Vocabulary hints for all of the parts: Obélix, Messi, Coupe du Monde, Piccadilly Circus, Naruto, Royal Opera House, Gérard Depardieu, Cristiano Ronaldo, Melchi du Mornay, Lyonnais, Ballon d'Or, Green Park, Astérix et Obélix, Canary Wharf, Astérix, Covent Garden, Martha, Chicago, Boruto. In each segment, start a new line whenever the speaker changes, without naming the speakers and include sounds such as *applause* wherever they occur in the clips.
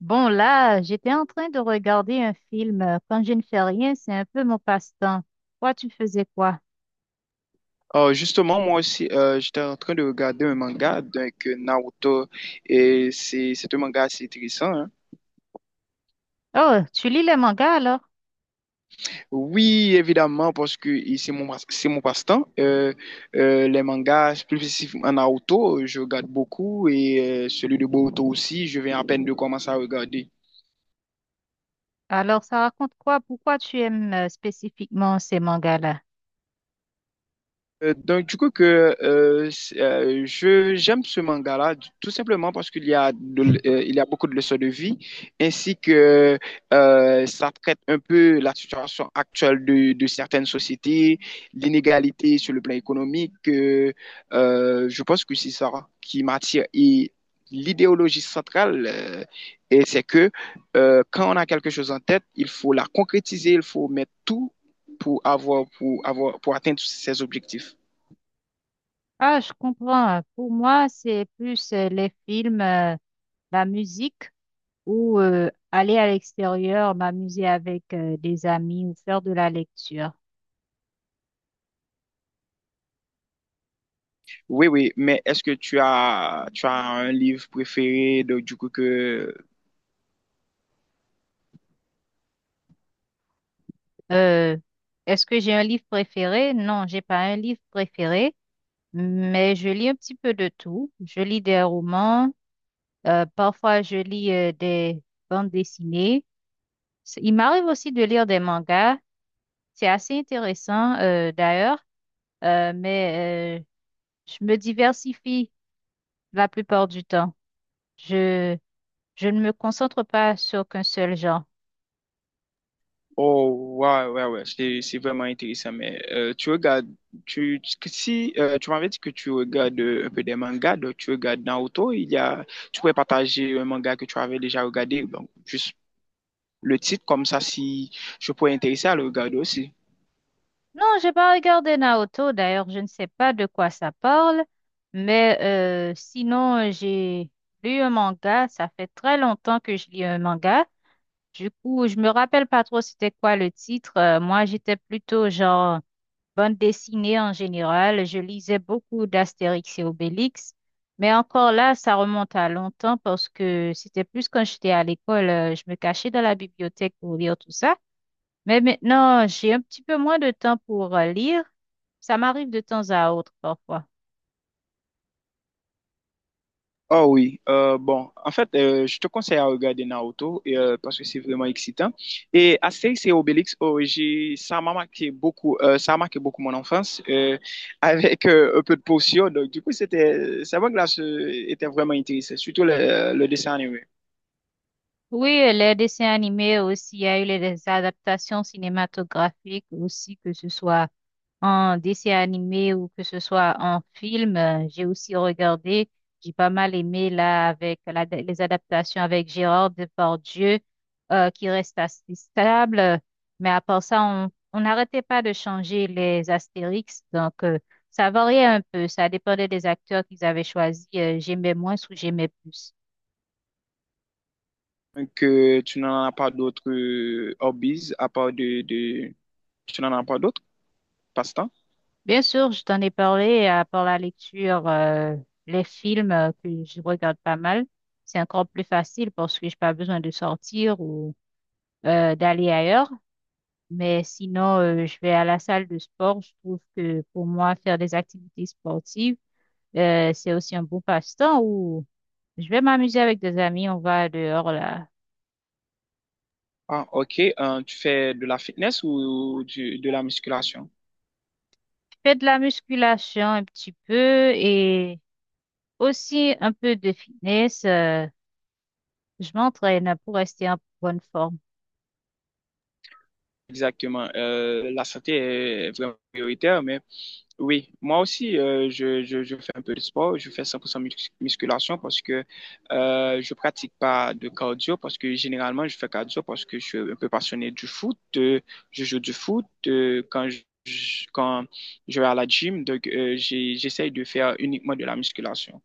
Bon, là, j'étais en train de regarder un film. Quand je ne fais rien, c'est un peu mon passe-temps. Toi, tu faisais quoi?
Justement, moi aussi, j'étais en train de regarder un manga, donc Naruto, et c'est un manga assez intéressant, hein.
Oh, tu lis les mangas alors?
Oui, évidemment, parce que c'est c'est mon passe-temps. Les mangas, plus spécifiquement Naruto, je regarde beaucoup, et celui de Boruto aussi, je viens à peine de commencer à regarder.
Alors, ça raconte quoi? Pourquoi tu aimes spécifiquement ces mangas-là?
Donc, du coup, que, c'est- je, J'aime ce manga-là, tout simplement parce qu'il y a de l- il y a beaucoup de leçons de vie, ainsi que ça traite un peu la situation actuelle de certaines sociétés, l'inégalité sur le plan économique. Je pense que c'est ça qui m'attire. L'idéologie centrale, c'est que quand on a quelque chose en tête, il faut la concrétiser, il faut mettre tout pour pour atteindre ses objectifs.
Ah, je comprends. Pour moi, c'est plus les films, la musique ou aller à l'extérieur, m'amuser avec des amis ou faire de la lecture.
Oui, oui, mais est-ce que tu as un livre préféré du coup que...
Euh, Est-ce que j'ai un livre préféré? Non, j'ai pas un livre préféré. Mais je lis un petit peu de tout. Je lis des romans, parfois je lis des bandes dessinées. Il m'arrive aussi de lire des mangas. C'est assez intéressant d'ailleurs, euh, mais euh, je me diversifie la plupart du temps. Je, je ne me concentre pas sur qu'un seul genre.
Oh, ouais, c'est vraiment intéressant, mais tu regardes, tu- que si tu m'avais dit que tu regardes un peu des mangas, donc tu regardes Naruto, tu pourrais partager un manga que tu avais déjà regardé, donc juste le titre, comme ça, si je pourrais intéresser à le regarder aussi.
Non, j'ai pas regardé Naruto d'ailleurs, je ne sais pas de quoi ça parle, mais sinon j'ai lu un manga. Ça fait très longtemps que je lis un manga. Du coup, je me rappelle pas trop c'était quoi le titre. Moi, j'étais plutôt genre bande dessinée en général. Je lisais beaucoup d'Astérix et Obélix. Mais encore là, ça remonte à longtemps parce que c'était plus quand j'étais à l'école. Je me cachais dans la bibliothèque pour lire tout ça. Mais maintenant, j'ai un petit peu moins de temps pour lire. Ça m'arrive de temps à autre parfois.
Oh oui, bon, en fait, je te conseille à regarder Naruto parce que c'est vraiment excitant. Et Astérix et Obélix, ça m'a marqué beaucoup, ça a marqué beaucoup mon enfance *laughs* avec un peu de potion. Donc, du coup, ça m'a glace était vraiment intéressant, surtout le dessin animé.
Oui, les dessins animés aussi, il y a eu les adaptations cinématographiques aussi, que ce soit en dessin animé ou que ce soit en film. J'ai aussi regardé, j'ai pas mal aimé là avec les adaptations avec Gérard Depardieu qui reste assez stable. Mais à part ça, on n'arrêtait pas de changer les Astérix. Donc, ça variait un peu. Ça dépendait des acteurs qu'ils avaient choisis. J'aimais moins ou j'aimais plus.
Donc, tu n'en as pas d'autres hobbies à part de, tu n'en as pas d'autres passe-temps?
Bien sûr, je t'en ai parlé à part la lecture, les films que je regarde pas mal. C'est encore plus facile parce que j'ai pas besoin de sortir ou d'aller ailleurs. Mais sinon, je vais à la salle de sport. Je trouve que pour moi, faire des activités sportives, c'est aussi un bon passe-temps où je vais m'amuser avec des amis. On va dehors là.
Ah, ok. Tu fais de la fitness ou de la musculation?
Je fais de la musculation un petit peu et aussi un peu de fitness. Je m'entraîne pour rester en bonne forme.
Exactement. La santé est vraiment prioritaire, mais oui, moi aussi, je fais un peu de sport. Je fais 100% musculation parce que je pratique pas de cardio, parce que généralement, je fais cardio parce que je suis un peu passionné du foot. Je joue du foot quand je vais à la gym, donc j'essaye de faire uniquement de la musculation.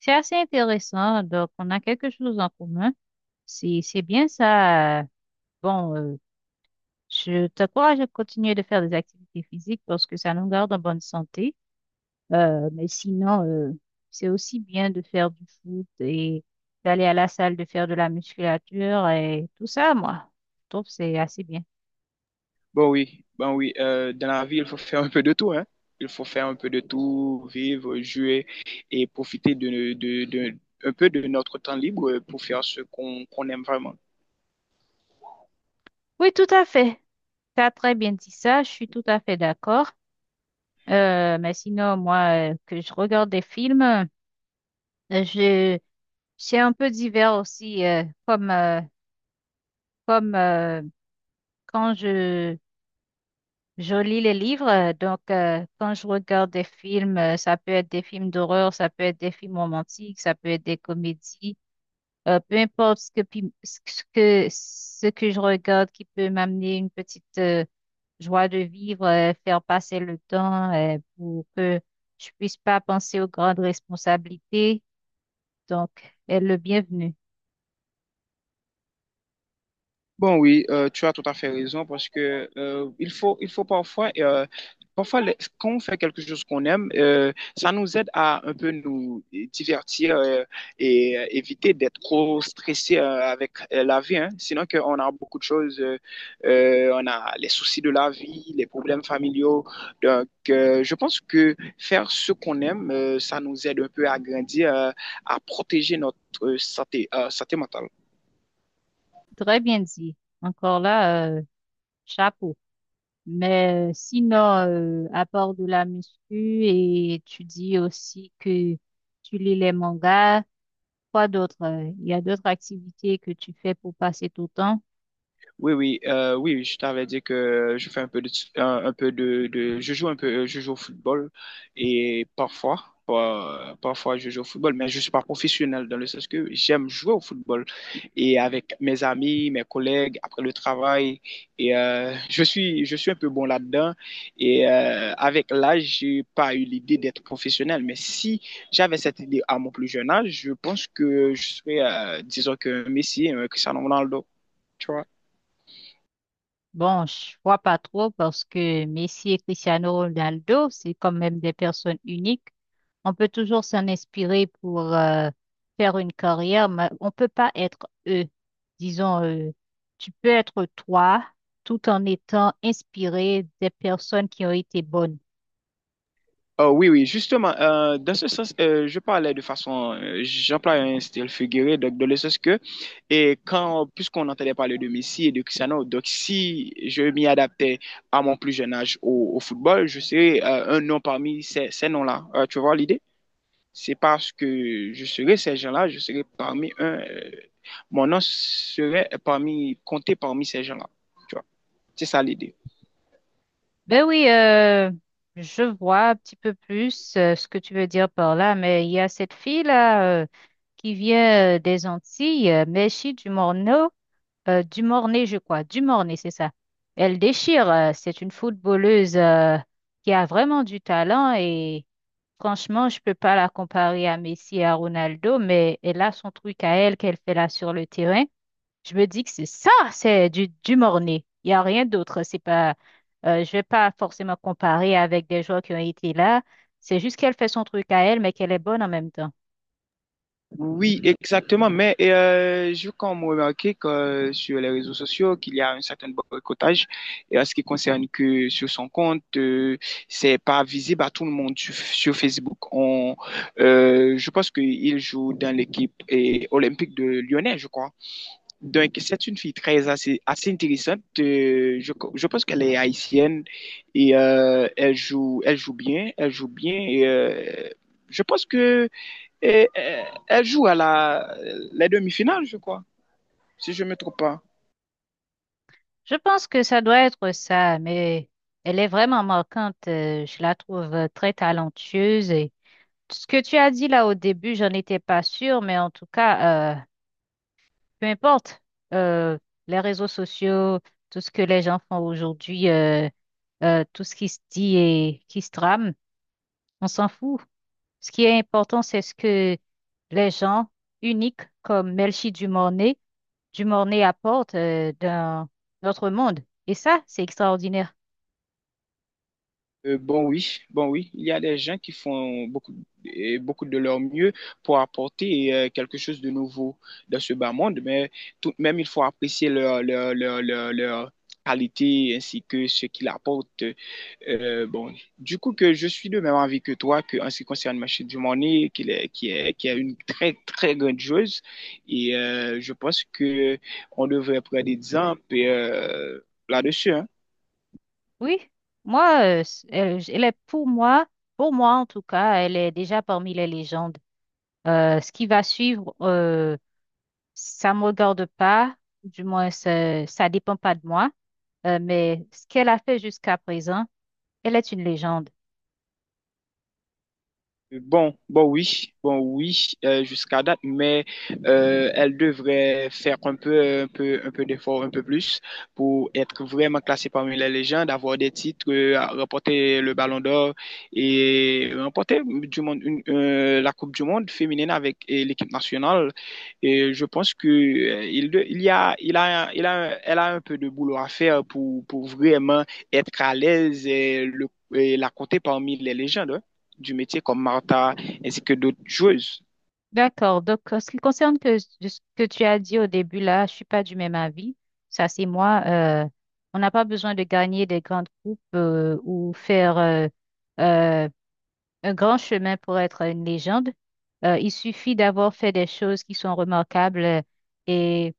C'est assez intéressant. Donc, on a quelque chose en commun. C'est bien ça. Bon, je t'encourage à continuer de faire des activités physiques parce que ça nous garde en bonne santé. Mais sinon, c'est aussi bien de faire du foot et d'aller à la salle, de faire de la musculature et tout ça, moi. Je trouve que c'est assez bien.
Bon oui, dans la vie, il faut faire un peu de tout, hein. Il faut faire un peu de tout, vivre, jouer et profiter un peu de notre temps libre pour faire ce qu'on aime vraiment.
Oui, tout à fait. Tu as très bien dit ça. Je suis tout à fait d'accord. Mais sinon, moi, que je regarde des films, je C'est un peu divers aussi, comme, comme quand je lis les livres. Donc, quand je regarde des films, ça peut être des films d'horreur, ça peut être des films romantiques, ça peut être des comédies. Peu importe ce que, ce ce que je regarde qui peut m'amener une petite joie de vivre, faire passer le temps pour que je puisse pas penser aux grandes responsabilités. Donc, elle est le bienvenu.
Bon, oui, tu as tout à fait raison parce que il faut parfois, quand on fait quelque chose qu'on aime, ça nous aide à un peu nous divertir et éviter d'être trop stressé avec la vie, hein. Sinon, que on a beaucoup de choses, on a les soucis de la vie, les problèmes familiaux. Donc, je pense que faire ce qu'on aime, ça nous aide un peu à grandir, à protéger notre santé mentale.
Très bien dit. Encore là. Chapeau. Mais sinon, à part de la muscu et tu dis aussi que tu lis les mangas, quoi d'autre? Il y a d'autres activités que tu fais pour passer ton temps?
Oui, oui, oui, je t'avais dit que je fais un peu de, je joue un peu, je joue au football et parfois je joue au football, mais je suis pas professionnel dans le sens que j'aime jouer au football et avec mes amis, mes collègues après le travail et je suis un peu bon là-dedans et avec l'âge, j'ai pas eu l'idée d'être professionnel, mais si j'avais cette idée à mon plus jeune âge, je pense que je serais, disons que Messi, un Cristiano Ronaldo.
Bon, je vois pas trop parce que Messi et Cristiano Ronaldo, c'est quand même des personnes uniques. On peut toujours s'en inspirer pour faire une carrière, mais on peut pas être eux. Disons, tu peux être toi tout en étant inspiré des personnes qui ont été bonnes.
Oh, oui, oui, justement, dans ce sens, je parlais de façon, j'emploie un style figuré, donc dans le sens que, puisqu'on entendait parler de Messi et de Cristiano, donc si je m'y adaptais à mon plus jeune âge au football, je serais un nom parmi ces noms-là. Tu vois l'idée? C'est parce que je serais ces gens-là, je serais parmi, mon nom serait parmi, compté parmi ces gens-là. Tu vois, c'est ça l'idée.
Ben oui, je vois un petit peu plus ce que tu veux dire par là, mais il y a cette fille-là qui vient des Antilles, Mechi du Morneau. Du Mornay, je crois. Du Mornay, c'est ça. Elle déchire. C'est une footballeuse qui a vraiment du talent et franchement, je peux pas la comparer à Messi et à Ronaldo, mais elle a son truc à elle qu'elle fait là sur le terrain. Je me dis que c'est ça, c'est du Mornay. Il n'y a rien d'autre. C'est pas, je vais pas forcément comparer avec des joueurs qui ont été là. C'est juste qu'elle fait son truc à elle, mais qu'elle est bonne en même temps.
Oui, exactement. Mais je compte remarquer que sur les réseaux sociaux, qu'il y a un certain boycottage. Et à ce qui concerne que sur son compte, c'est pas visible à tout le monde sur Facebook. Je pense qu'il joue dans l'équipe et olympique de Lyonnais, je crois. Donc, c'est une fille très assez, assez intéressante. Je pense qu'elle est haïtienne et elle joue bien, elle joue bien. Et, je pense que et elle joue à la, les demi-finales, je crois, si je ne me trompe pas.
Je pense que ça doit être ça, mais elle est vraiment marquante. Je la trouve très talentueuse. Et ce que tu as dit là au début, j'en étais pas sûre, mais en tout cas, peu importe, euh, les réseaux sociaux, tout ce que les gens font aujourd'hui, tout ce qui se dit et qui se trame, on s'en fout. Ce qui est important, c'est ce que les gens uniques comme Melchi Dumornay, Dumornay apportent dans notre monde. Et ça, c'est extraordinaire.
Bon oui, il y a des gens qui font beaucoup, et beaucoup de leur mieux pour apporter quelque chose de nouveau dans ce bas monde, mais tout de même, il faut apprécier leur qualité ainsi que ce qu'ils apportent. Bon, du coup que je suis de même avis que toi que en ce qui concerne Machine du Money, qu'il est, qui est, qui est une très très grandiose. Et je pense que on devrait prendre des exemples là-dessus, hein.
Oui, moi, elle est pour moi en tout cas, elle est déjà parmi les légendes. Ce qui va suivre, ça me regarde pas, du moins ça dépend pas de moi. Mais ce qu'elle a fait jusqu'à présent, elle est une légende.
Bon, bon oui, jusqu'à date, mais elle devrait faire un peu d'effort, un peu plus pour être vraiment classée parmi les légendes, avoir des titres, à remporter le Ballon d'Or et remporter la Coupe du Monde féminine avec l'équipe nationale. Et je pense que il, de- il y a, il a, il a, elle a un peu de boulot à faire pour vraiment être à l'aise et la compter parmi les légendes, hein, du métier comme Martha ainsi que d'autres joueuses.
D'accord. Donc, en ce qui concerne que, de ce que tu as dit au début là, je suis pas du même avis. Ça, c'est moi. On n'a pas besoin de gagner des grandes coupes ou faire euh, un grand chemin pour être une légende. Il suffit d'avoir fait des choses qui sont remarquables et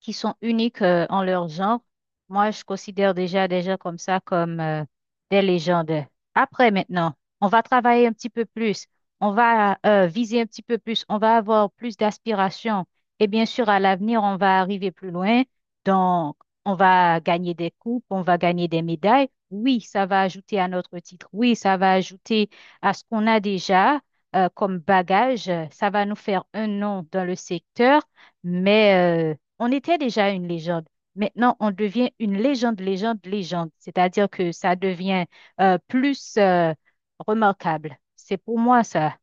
qui sont uniques en leur genre. Moi, je considère déjà des gens comme ça comme des légendes. Après, maintenant, on va travailler un petit peu plus, on va viser un petit peu plus, on va avoir plus d'aspirations. Et bien sûr, à l'avenir, on va arriver plus loin. Donc, on va gagner des coupes, on va gagner des médailles. Oui, ça va ajouter à notre titre. Oui, ça va ajouter à ce qu'on a déjà comme bagage. Ça va nous faire un nom dans le secteur. Mais on était déjà une légende. Maintenant, on devient une légende, légende, légende. C'est-à-dire que ça devient plus remarquable. C'est pour moi ça.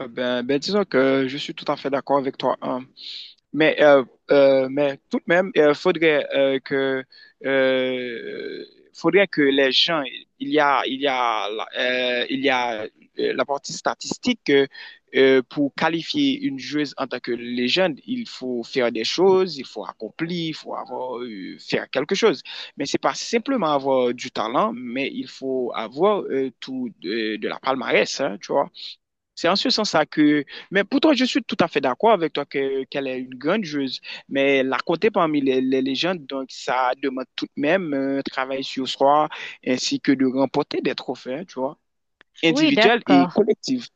Disons que je suis tout à fait d'accord avec toi, hein. Mais, euh, mais tout de même, il faudrait, euh, faudrait que les gens, il y a, il y a, il y a la partie statistique que pour qualifier une joueuse en tant que légende, il faut faire des choses, il faut accomplir, faire quelque chose. Mais c'est pas simplement avoir du talent, mais il faut avoir de la palmarès, hein, tu vois. C'est en ce sens-là que, mais pourtant, je suis tout à fait d'accord avec toi que, qu'elle est une grande joueuse, mais la compter parmi les légendes, donc ça demande tout de même un travail sur soi, ainsi que de remporter des trophées, hein, tu vois,
Oui,
individuels et
d'accord.
collectifs.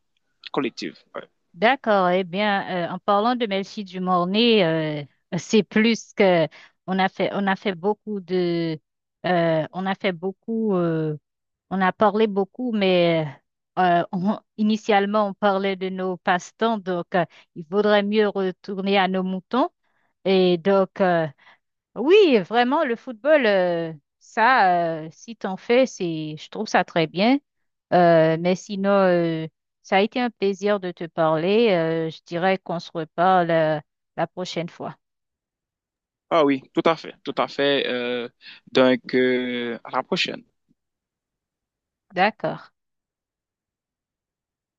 Collectif, ouais.
D'accord. Eh bien, en parlant de Melchie du Mornay, c'est plus que on a fait beaucoup on a fait beaucoup, on a parlé beaucoup, mais initialement on parlait de nos passe-temps. Donc, il vaudrait mieux retourner à nos moutons. Et donc, oui, vraiment, le football, si t'en fais, je trouve ça très bien. Mais sinon, ça a été un plaisir de te parler. Je dirais qu'on se reparle, la prochaine fois.
Ah oui, tout à fait, tout à fait. Donc, à la prochaine.
D'accord.